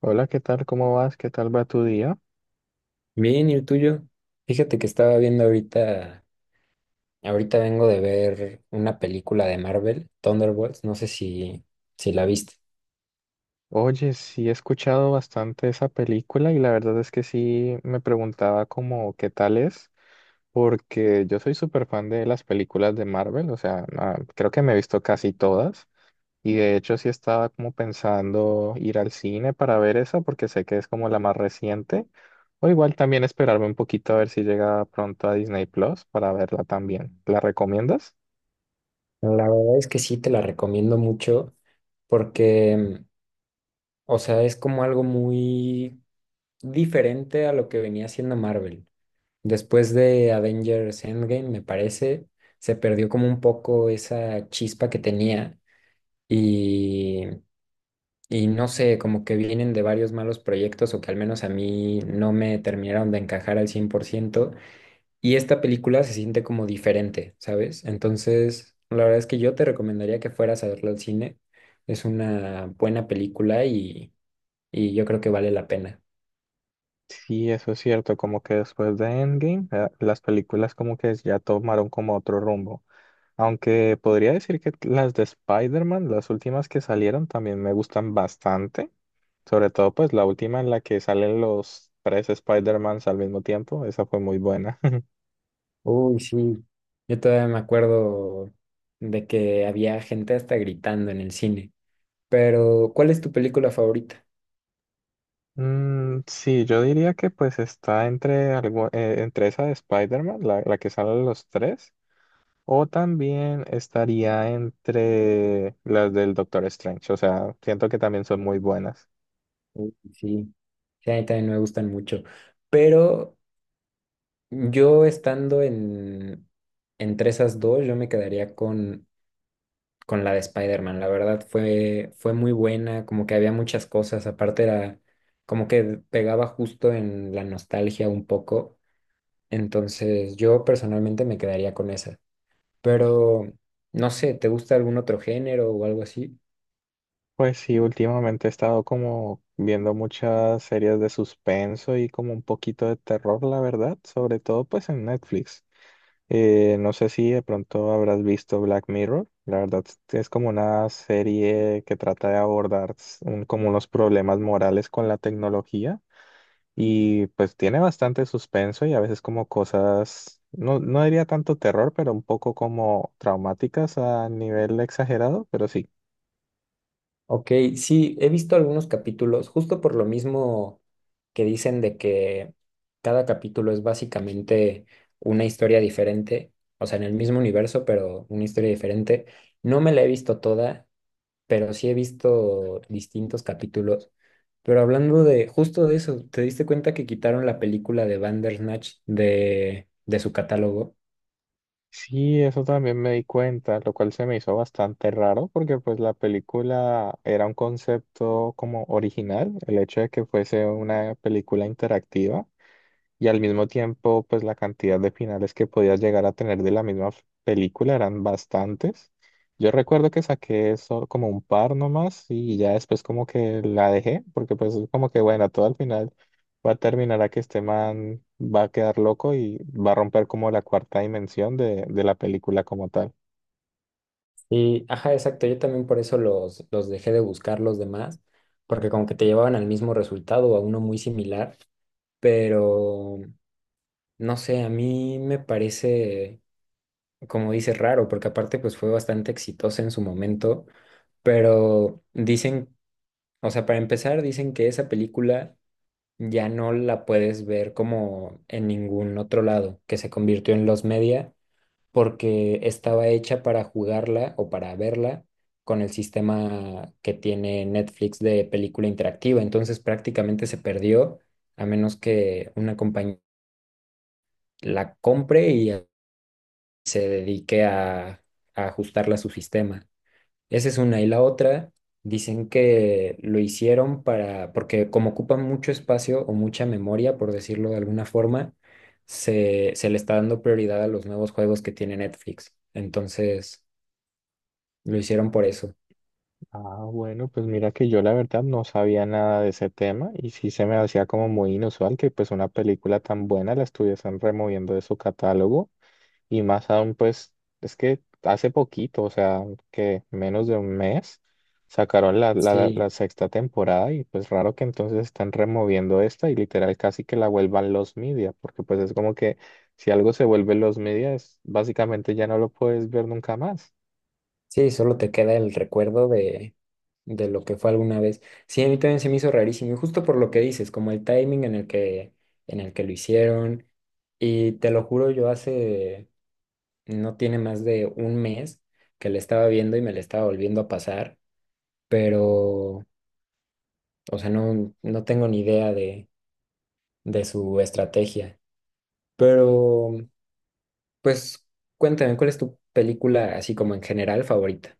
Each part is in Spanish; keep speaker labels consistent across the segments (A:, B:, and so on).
A: Hola, ¿qué tal? ¿Cómo vas? ¿Qué tal va tu día?
B: Bien, ¿y el tuyo? Fíjate que estaba viendo ahorita vengo de ver una película de Marvel, Thunderbolts. No sé si la viste.
A: Oye, sí he escuchado bastante esa película y la verdad es que sí me preguntaba como qué tal es, porque yo soy súper fan de las películas de Marvel, o sea, creo que me he visto casi todas y de hecho sí estaba como pensando ir al cine para ver esa porque sé que es como la más reciente, o igual también esperarme un poquito a ver si llega pronto a Disney Plus para verla también. ¿La recomiendas?
B: La verdad es que sí, te la recomiendo mucho porque, o sea, es como algo muy diferente a lo que venía haciendo Marvel. Después de Avengers Endgame, me parece, se perdió como un poco esa chispa que tenía. Y Y no sé, como que vienen de varios malos proyectos o que al menos a mí no me terminaron de encajar al 100%. Y esta película se siente como diferente, ¿sabes? Entonces, la verdad es que yo te recomendaría que fueras a verla al cine. Es una buena película y yo creo que vale la pena.
A: Sí, eso es cierto, como que después de Endgame, las películas como que ya tomaron como otro rumbo. Aunque podría decir que las de Spider-Man, las últimas que salieron, también me gustan bastante. Sobre todo pues la última en la que salen los tres Spider-Mans al mismo tiempo, esa fue muy buena.
B: Uy, sí. Yo todavía me acuerdo de que había gente hasta gritando en el cine. Pero, ¿cuál es tu película favorita?
A: Mm, sí, yo diría que pues está entre algo, entre esa de Spider-Man, la que salen los tres. O también estaría entre las del Doctor Strange. O sea, siento que también son muy buenas.
B: Uy, sí. Sí, a mí también me gustan mucho. Pero yo estando entre esas dos, yo me quedaría con la de Spider-Man. La verdad fue muy buena, como que había muchas cosas, aparte era como que pegaba justo en la nostalgia un poco. Entonces yo personalmente me quedaría con esa. Pero no sé, ¿te gusta algún otro género o algo así?
A: Pues sí, últimamente he estado como viendo muchas series de suspenso y como un poquito de terror, la verdad. Sobre todo pues en Netflix. No sé si de pronto habrás visto Black Mirror. La verdad es como una serie que trata de abordar como unos problemas morales con la tecnología. Y pues tiene bastante suspenso y a veces como cosas, no, no diría tanto terror, pero un poco como traumáticas a nivel exagerado, pero sí.
B: Ok, sí, he visto algunos capítulos, justo por lo mismo que dicen de que cada capítulo es básicamente una historia diferente, o sea, en el mismo universo, pero una historia diferente. No me la he visto toda, pero sí he visto distintos capítulos. Pero hablando de justo de eso, ¿te diste cuenta que quitaron la película de Bandersnatch de su catálogo?
A: Sí, eso también me di cuenta, lo cual se me hizo bastante raro porque pues la película era un concepto como original, el hecho de que fuese una película interactiva. Y al mismo tiempo, pues la cantidad de finales que podías llegar a tener de la misma película eran bastantes. Yo recuerdo que saqué eso como un par nomás y ya después como que la dejé, porque pues es como que bueno, todo al final va a terminar a que este man va a quedar loco y va a romper como la cuarta dimensión de la película como tal.
B: Y, ajá, exacto. Yo también por eso los dejé de buscar los demás, porque como que te llevaban al mismo resultado o a uno muy similar, pero no sé, a mí me parece, como dices, raro, porque aparte pues fue bastante exitosa en su momento, pero dicen, o sea, para empezar, dicen que esa película ya no la puedes ver como en ningún otro lado, que se convirtió en los media porque estaba hecha para jugarla o para verla con el sistema que tiene Netflix de película interactiva. Entonces prácticamente se perdió a menos que una compañía la compre y se dedique a ajustarla a su sistema. Esa es una. Y la otra, dicen que lo hicieron para, porque como ocupa mucho espacio o mucha memoria, por decirlo de alguna forma, se le está dando prioridad a los nuevos juegos que tiene Netflix. Entonces, lo hicieron por eso.
A: Ah, bueno, pues mira que yo la verdad no sabía nada de ese tema y sí se me hacía como muy inusual que pues una película tan buena la estuviesen removiendo de su catálogo. Y más aún, pues, es que hace poquito, o sea, que menos de un mes, sacaron
B: Sí,
A: la sexta temporada y pues raro que entonces están removiendo esta y literal casi que la vuelvan los media, porque pues es como que si algo se vuelve los media, básicamente ya no lo puedes ver nunca más.
B: sí, solo te queda el recuerdo de lo que fue alguna vez. Sí, a mí también se me hizo rarísimo, y justo por lo que dices, como el timing en el que lo hicieron. Y te lo juro, yo hace, no tiene más de un mes que le estaba viendo y me le estaba volviendo a pasar, pero, o sea, no, no tengo ni idea de su estrategia. Pero, pues, cuéntame, ¿cuál es tu película así como en general favorita?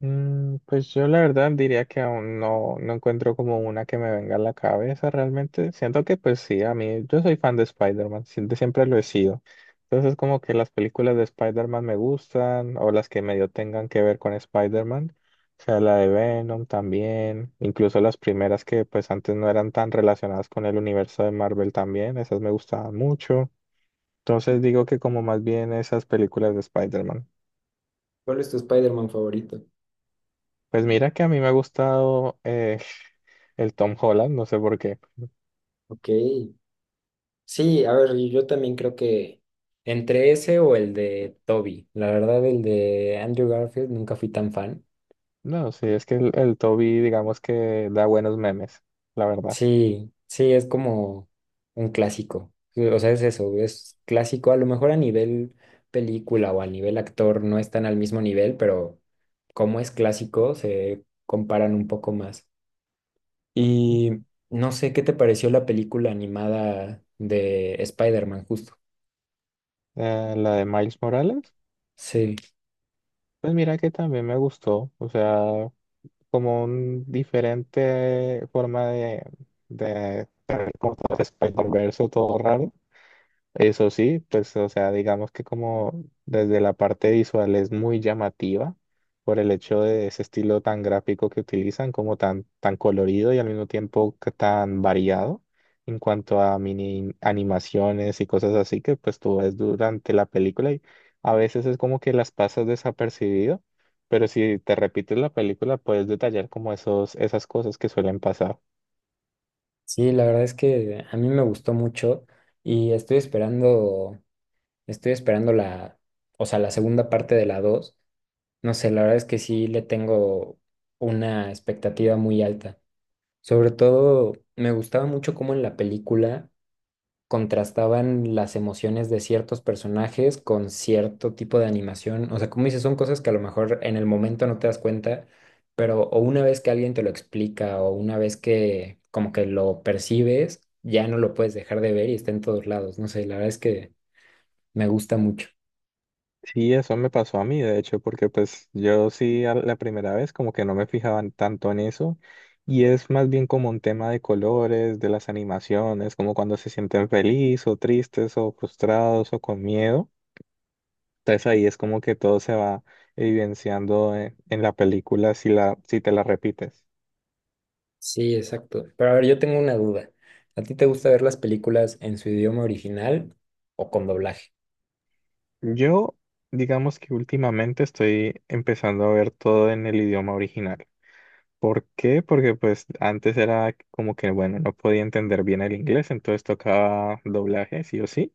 A: Mm, pues yo la verdad diría que aún no, no encuentro como una que me venga a la cabeza realmente. Siento que pues sí, a mí yo soy fan de Spider-Man, siempre, siempre lo he sido. Entonces como que las películas de Spider-Man me gustan o las que medio tengan que ver con Spider-Man, o sea, la de Venom también, incluso las primeras que pues antes no eran tan relacionadas con el universo de Marvel también, esas me gustaban mucho. Entonces digo que como más bien esas películas de Spider-Man.
B: ¿Cuál es tu Spider-Man favorito?
A: Pues mira que a mí me ha gustado el Tom Holland, no sé por qué.
B: Ok. Sí, a ver, yo también creo que entre ese o el de Toby. La verdad, el de Andrew Garfield nunca fui tan fan.
A: No, sí, es que el Toby, digamos que da buenos memes, la verdad.
B: Sí, sí, es como un clásico. Sí. O sea, es eso, es clásico. A lo mejor a nivel película o a nivel actor no están al mismo nivel, pero como es clásico, se comparan un poco más. Y no sé, ¿qué te pareció la película animada de Spider-Man justo?
A: La de Miles Morales,
B: Sí.
A: pues mira que también me gustó, o sea, como un diferente forma de, como todo Spider-Verse, todo raro. Eso sí, pues, o sea, digamos que como desde la parte visual es muy llamativa por el hecho de ese estilo tan gráfico que utilizan, como tan colorido y al mismo tiempo que tan variado en cuanto a mini animaciones y cosas así que pues tú ves durante la película y a veces es como que las pasas desapercibido, pero si te repites la película puedes detallar como esas cosas que suelen pasar.
B: Sí, la verdad es que a mí me gustó mucho y estoy esperando la, o sea, la segunda parte de la dos. No sé, la verdad es que sí le tengo una expectativa muy alta. Sobre todo, me gustaba mucho cómo en la película contrastaban las emociones de ciertos personajes con cierto tipo de animación. O sea, como dices, son cosas que a lo mejor en el momento no te das cuenta, pero o una vez que alguien te lo explica o una vez que como que lo percibes, ya no lo puedes dejar de ver y está en todos lados. No sé, la verdad es que me gusta mucho.
A: Sí, eso me pasó a mí, de hecho, porque pues yo sí a la primera vez como que no me fijaban tanto en eso y es más bien como un tema de colores, de las animaciones, como cuando se sienten felices o tristes o frustrados o con miedo. Entonces ahí es como que todo se va evidenciando en la película si si te la repites.
B: Sí, exacto. Pero a ver, yo tengo una duda. ¿A ti te gusta ver las películas en su idioma original o con doblaje?
A: Yo, digamos que últimamente estoy empezando a ver todo en el idioma original. ¿Por qué? Porque pues antes era como que, bueno, no podía entender bien el inglés, entonces tocaba doblaje, sí o sí,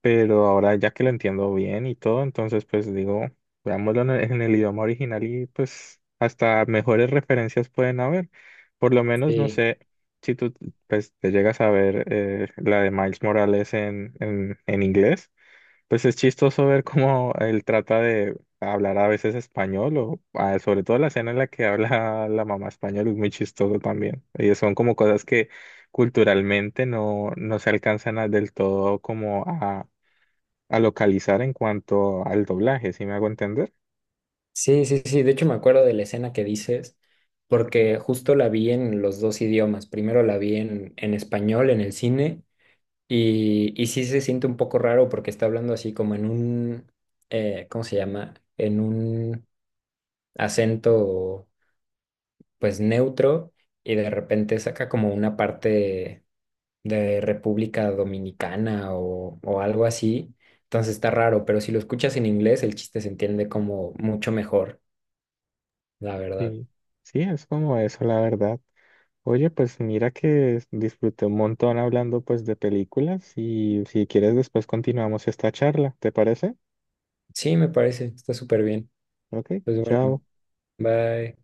A: pero ahora ya que lo entiendo bien y todo, entonces pues digo, veámoslo en en el idioma original y pues hasta mejores referencias pueden haber. Por lo menos, no
B: Sí.
A: sé, si tú pues te llegas a ver la de Miles Morales en inglés. Pues es chistoso ver cómo él trata de hablar a veces español o sobre todo la escena en la que habla la mamá español es muy chistoso también. Y son como cosas que culturalmente no, no se alcanzan del todo como a localizar en cuanto al doblaje, ¿si me hago entender?
B: Sí, sí, sí. De hecho, me acuerdo de la escena que dices, porque justo la vi en los dos idiomas. Primero la vi en español, en el cine, y sí se siente un poco raro porque está hablando así como en un, ¿cómo se llama? En un acento pues neutro y de repente saca como una parte de República Dominicana o algo así. Entonces está raro, pero si lo escuchas en inglés, el chiste se entiende como mucho mejor, la verdad.
A: Y sí, es como eso, la verdad. Oye, pues mira que disfruté un montón hablando pues de películas y si quieres después continuamos esta charla, ¿te parece?
B: Sí, me parece, está súper bien.
A: Ok,
B: Pues bueno,
A: chao.
B: bye.